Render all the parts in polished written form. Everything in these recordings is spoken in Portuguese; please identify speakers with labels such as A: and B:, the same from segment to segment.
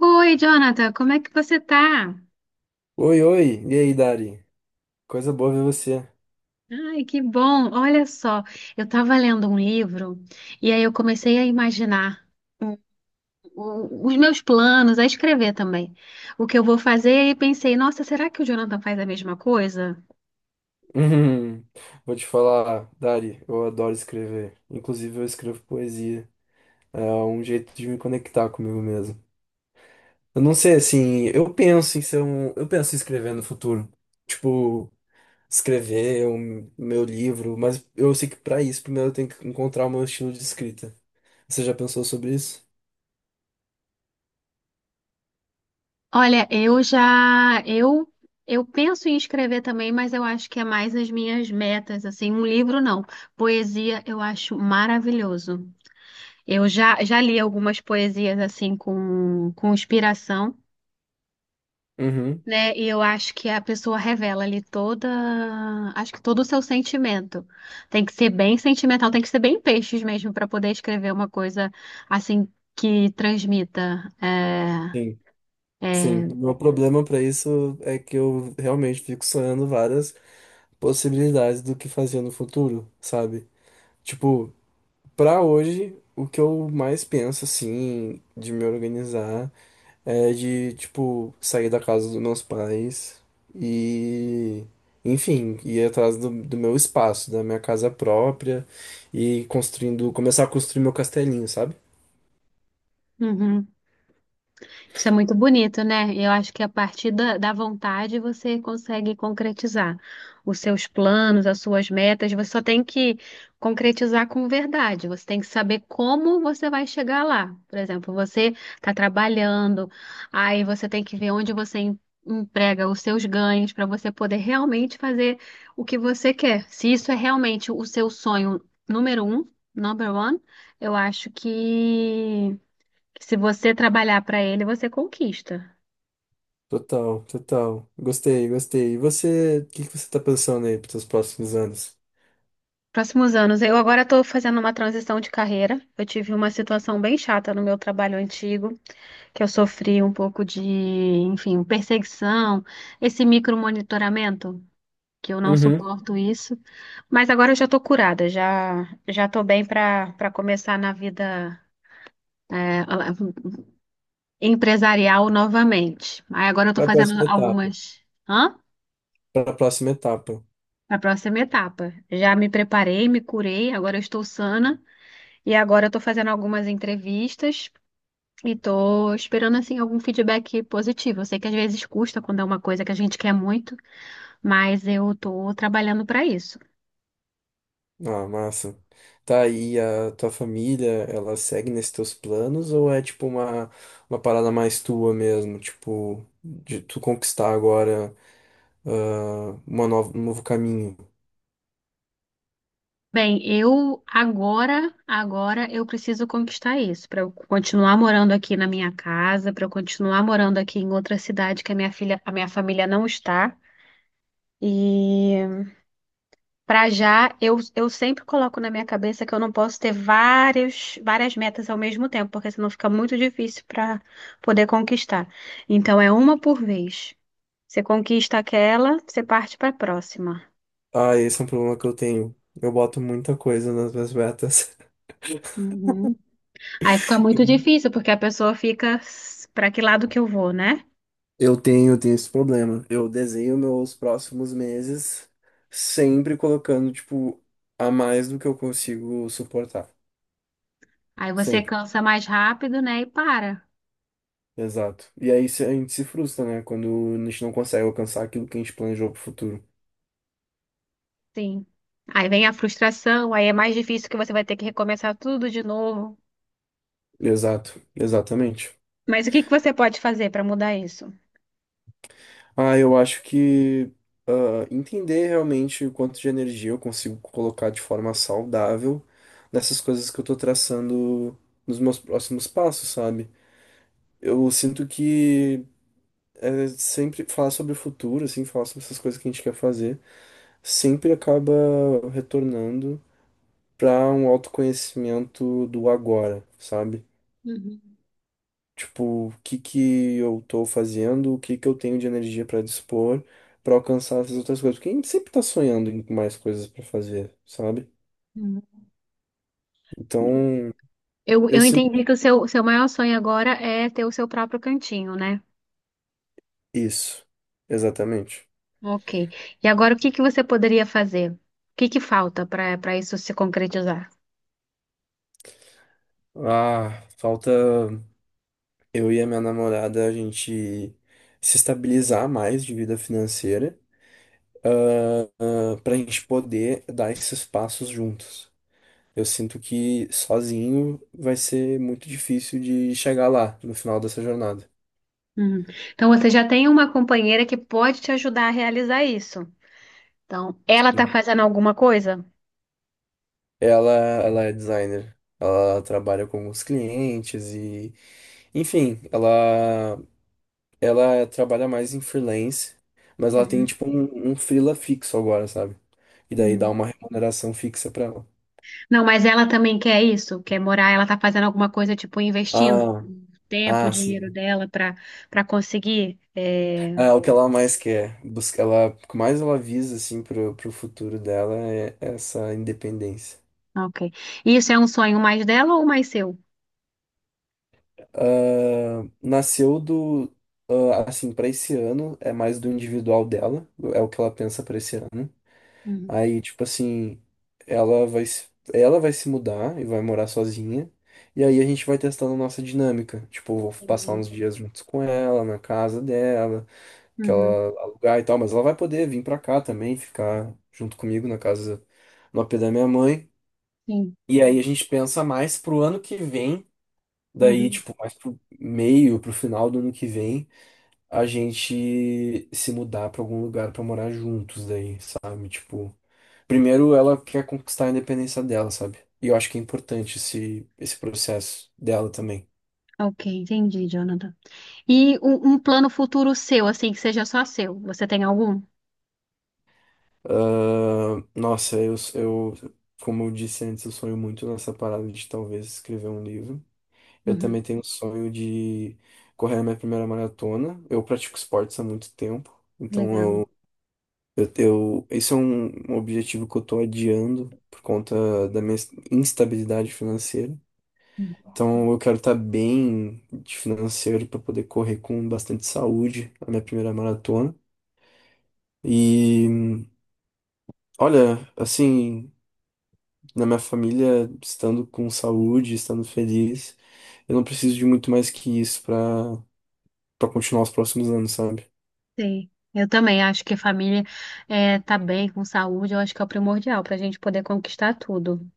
A: Oi, Jonathan, como é que você tá?
B: Oi, oi, e aí, Dari? Coisa boa ver você.
A: Ai, que bom! Olha só, eu estava lendo um livro e aí eu comecei a imaginar os meus planos, a escrever também, o que eu vou fazer e pensei, nossa, será que o Jonathan faz a mesma coisa?
B: Hum, vou te falar, Dari, eu adoro escrever. Inclusive, eu escrevo poesia. É um jeito de me conectar comigo mesmo. Eu não sei, assim, eu penso em ser um. Eu penso em escrever no futuro. Tipo, escrever o meu livro, mas eu sei que pra isso, primeiro eu tenho que encontrar o meu estilo de escrita. Você já pensou sobre isso?
A: Olha, eu penso em escrever também, mas eu acho que é mais as minhas metas, assim, um livro não, poesia eu acho maravilhoso. Já li algumas poesias assim com inspiração,
B: Uhum.
A: né? E eu acho que a pessoa revela ali toda, acho que todo o seu sentimento. Tem que ser bem sentimental, tem que ser bem peixes mesmo para poder escrever uma coisa assim que transmita. É,
B: Sim, sim.
A: é.
B: O meu problema pra isso é que eu realmente fico sonhando várias possibilidades do que fazer no futuro, sabe? Tipo, pra hoje, o que eu mais penso, assim, de me organizar é de, tipo, sair da casa dos meus pais e, enfim, ir atrás do meu espaço, da minha casa própria e construindo, começar a construir meu castelinho, sabe?
A: Uhum. Isso é muito bonito, né? Eu acho que a partir da vontade você consegue concretizar os seus planos, as suas metas. Você só tem que concretizar com verdade. Você tem que saber como você vai chegar lá. Por exemplo, você está trabalhando, aí você tem que ver onde você emprega os seus ganhos para você poder realmente fazer o que você quer. Se isso é realmente o seu sonho número um, number one, eu acho que se você trabalhar para ele, você conquista.
B: Total, total. Gostei, gostei. E você, o que que você tá pensando aí para os próximos anos?
A: Próximos anos, eu agora estou fazendo uma transição de carreira. Eu tive uma situação bem chata no meu trabalho antigo, que eu sofri um pouco de, enfim, perseguição, esse micromonitoramento, que eu não
B: Uhum.
A: suporto isso. Mas agora eu já estou curada, já estou bem para começar na vida é, empresarial novamente. Aí agora eu estou
B: Para a
A: fazendo
B: próxima etapa.
A: algumas. Hã?
B: Para a próxima etapa.
A: A próxima etapa. Já me preparei, me curei, agora eu estou sana e agora eu estou fazendo algumas entrevistas e estou esperando assim algum feedback positivo. Eu sei que às vezes custa quando é uma coisa que a gente quer muito, mas eu estou trabalhando para isso.
B: Ah, massa. Tá, e a tua família, ela segue nesses teus planos ou é tipo uma parada mais tua mesmo? Tipo, de tu conquistar agora, ah, uma nova, um novo caminho?
A: Bem, agora eu preciso conquistar isso para eu continuar morando aqui na minha casa, para eu continuar morando aqui em outra cidade que a minha filha, a minha família não está. E para já, eu sempre coloco na minha cabeça que eu não posso ter várias metas ao mesmo tempo, porque senão fica muito difícil para poder conquistar. Então, é uma por vez. Você conquista aquela, você parte para a próxima.
B: Ah, esse é um problema que eu tenho. Eu boto muita coisa nas minhas metas.
A: Uhum. Aí fica muito difícil, porque a pessoa fica para que lado que eu vou, né?
B: Eu tenho esse problema. Eu desenho meus próximos meses sempre colocando, tipo, a mais do que eu consigo suportar.
A: Aí você
B: Sempre.
A: cansa mais rápido, né? E para.
B: Exato. E aí a gente se frustra, né? Quando a gente não consegue alcançar aquilo que a gente planejou pro futuro.
A: Sim. Aí vem a frustração, aí é mais difícil que você vai ter que recomeçar tudo de novo.
B: Exato, exatamente.
A: Mas o que que você pode fazer para mudar isso?
B: Ah, eu acho que, entender realmente o quanto de energia eu consigo colocar de forma saudável nessas coisas que eu tô traçando nos meus próximos passos, sabe? Eu sinto que, é, sempre falar sobre o futuro, assim, falar sobre essas coisas que a gente quer fazer, sempre acaba retornando para um autoconhecimento do agora, sabe? Tipo, o que que eu tô fazendo, o que que eu tenho de energia para dispor para alcançar essas outras coisas. Porque a gente sempre tá sonhando em mais coisas para fazer, sabe?
A: Uhum.
B: Então, eu
A: Eu
B: sinto
A: entendi que o seu maior sonho agora é ter o seu próprio cantinho, né?
B: isso. Exatamente.
A: Ok. E agora o que que você poderia fazer? O que que falta para isso se concretizar?
B: Ah, falta eu e a minha namorada a gente se estabilizar mais de vida financeira, ah, para a gente poder dar esses passos juntos. Eu sinto que sozinho vai ser muito difícil de chegar lá no final dessa jornada.
A: Uhum. Então você já tem uma companheira que pode te ajudar a realizar isso. Então, ela tá fazendo alguma coisa?
B: Ela é designer. Ela trabalha com os clientes e, enfim, ela trabalha mais em freelance, mas ela tem
A: Uhum.
B: tipo um freela fixo agora, sabe? E daí dá
A: Uhum.
B: uma remuneração fixa pra ela.
A: Não, mas ela também quer isso, quer morar, ela tá fazendo alguma coisa, tipo, investindo
B: Ah,
A: tempo,
B: ah,
A: dinheiro
B: sim.
A: dela para conseguir. É...
B: É o que ela mais quer, busca, ela, o que mais ela visa assim pro futuro dela é essa independência.
A: Ok. Isso é um sonho mais dela ou mais seu?
B: Ah, nasceu do. Ah, assim, pra esse ano, é mais do individual dela, é o que ela pensa pra esse ano.
A: Uhum.
B: Aí, tipo assim, ela vai, ela vai se mudar e vai morar sozinha. E aí a gente vai testando a nossa dinâmica. Tipo, vou passar
A: Entendi.
B: uns dias juntos com ela, na casa dela, que
A: Uhum,
B: ela alugar e tal, mas ela vai poder vir pra cá também, ficar junto comigo na casa, no AP da minha mãe.
A: sim.
B: E aí a gente pensa mais pro ano que vem. Daí,
A: Uhum.
B: tipo, mais pro meio, pro final do ano que vem, a gente se mudar pra algum lugar pra morar juntos daí, sabe? Tipo, primeiro ela quer conquistar a independência dela, sabe? E eu acho que é importante esse, esse processo dela também.
A: Ok, entendi, Jonathan. E um plano futuro seu, assim, que seja só seu. Você tem algum?
B: Ah, nossa, como eu disse antes, eu sonho muito nessa parada de talvez escrever um livro. Eu
A: Uhum,
B: também tenho o sonho de correr a minha primeira maratona. Eu pratico esportes há muito tempo, então
A: legal.
B: Esse é um objetivo que eu tô adiando por conta da minha instabilidade financeira.
A: Uhum.
B: Então, eu quero estar bem de financeiro para poder correr com bastante saúde a minha primeira maratona. E, olha, assim, na minha família, estando com saúde, estando feliz, eu não preciso de muito mais que isso para para continuar os próximos anos, sabe?
A: Sei. Eu também acho que a família é, tá bem, com saúde, eu acho que é o primordial para a gente poder conquistar tudo.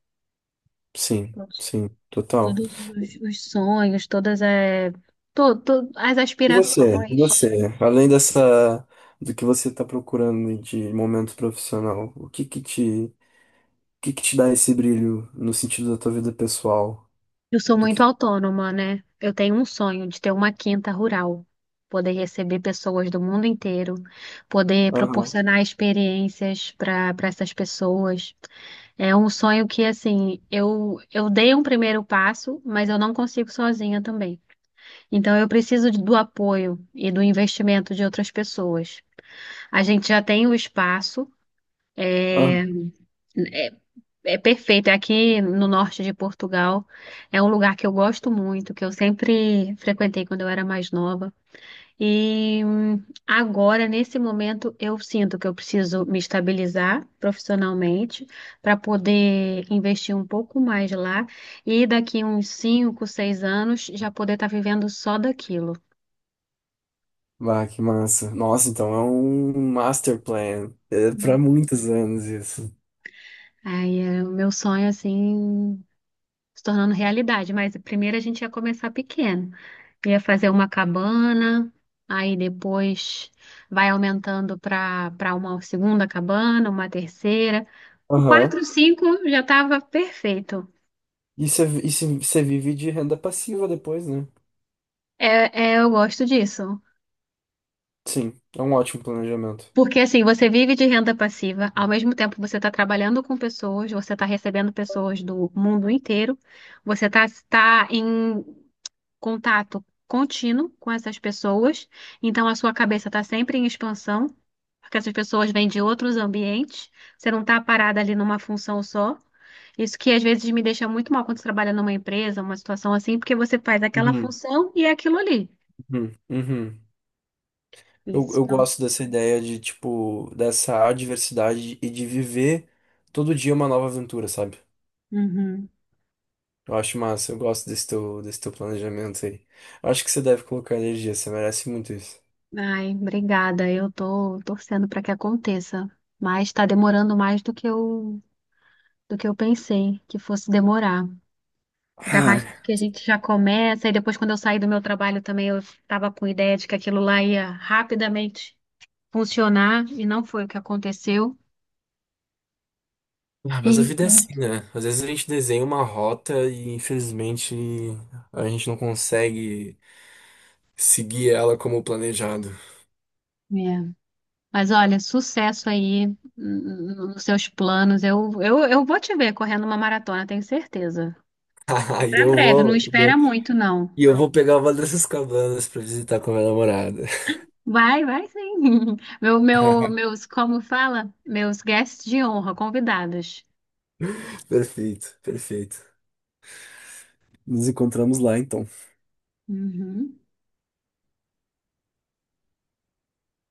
B: Sim,
A: Todos,
B: sim, total.
A: todos os sonhos, todas é, as
B: E você? E
A: aspirações.
B: você? Além dessa, do que você está procurando de momento profissional, o que que te, o que que te dá esse brilho no sentido da tua vida pessoal?
A: Eu sou
B: Do
A: muito
B: que...
A: autônoma, né? Eu tenho um sonho de ter uma quinta rural, poder receber pessoas do mundo inteiro, poder
B: Aham,
A: proporcionar experiências para essas pessoas. É um sonho que, assim, eu dei um primeiro passo, mas eu não consigo sozinha também. Então, eu preciso do apoio e do investimento de outras pessoas. A gente já tem o espaço.
B: aham.
A: É perfeito. Aqui no norte de Portugal é um lugar que eu gosto muito, que eu sempre frequentei quando eu era mais nova. E agora, nesse momento, eu sinto que eu preciso me estabilizar profissionalmente para poder investir um pouco mais lá e daqui uns 5, 6 anos já poder estar vivendo só daquilo.
B: Bah, que massa. Nossa, então é um master plan. É para muitos anos isso.
A: Aí é o meu sonho, assim, se tornando realidade. Mas primeiro a gente ia começar pequeno. Ia fazer uma cabana, aí depois vai aumentando para uma segunda cabana, uma terceira. O
B: Aham.
A: quatro, cinco já estava perfeito.
B: E você você vive de renda passiva depois, né?
A: É, é, eu gosto disso.
B: Sim, é um ótimo planejamento.
A: Porque assim, você vive de renda passiva, ao mesmo tempo você está trabalhando com pessoas, você está recebendo pessoas do mundo inteiro, você está em contato contínuo com essas pessoas, então a sua cabeça está sempre em expansão, porque essas pessoas vêm de outros ambientes, você não está parada ali numa função só. Isso que às vezes me deixa muito mal quando você trabalha numa empresa, uma situação assim, porque você faz aquela
B: Uhum,
A: função e é aquilo ali.
B: uhum, uhum. Eu,
A: Isso,
B: eu
A: não.
B: gosto dessa ideia de, tipo, dessa adversidade e de viver todo dia uma nova aventura, sabe?
A: Uhum.
B: Eu acho massa, eu gosto desse teu planejamento aí. Eu acho que você deve colocar energia, você merece muito isso.
A: Ai, obrigada. Eu tô torcendo para que aconteça, mas está demorando mais do que eu pensei que fosse demorar. Ainda
B: Ai.
A: mais porque a gente já começa, e depois, quando eu saí do meu trabalho também, eu estava com ideia de que aquilo lá ia rapidamente funcionar, e não foi o que aconteceu.
B: Ah, mas a vida é
A: Eita.
B: assim, né? Às vezes a gente desenha uma rota e infelizmente a gente não consegue seguir ela como planejado.
A: É. Mas olha, sucesso aí nos seus planos. Eu vou te ver correndo uma maratona, tenho certeza.
B: Aí
A: Para
B: eu
A: breve, não
B: vou,
A: espera muito, não.
B: e eu vou pegar uma dessas cabanas pra visitar com a minha namorada.
A: Vai, vai sim. Meus, como fala? Meus guests de honra, convidados.
B: Perfeito, perfeito. Nos encontramos lá, então.
A: Uhum.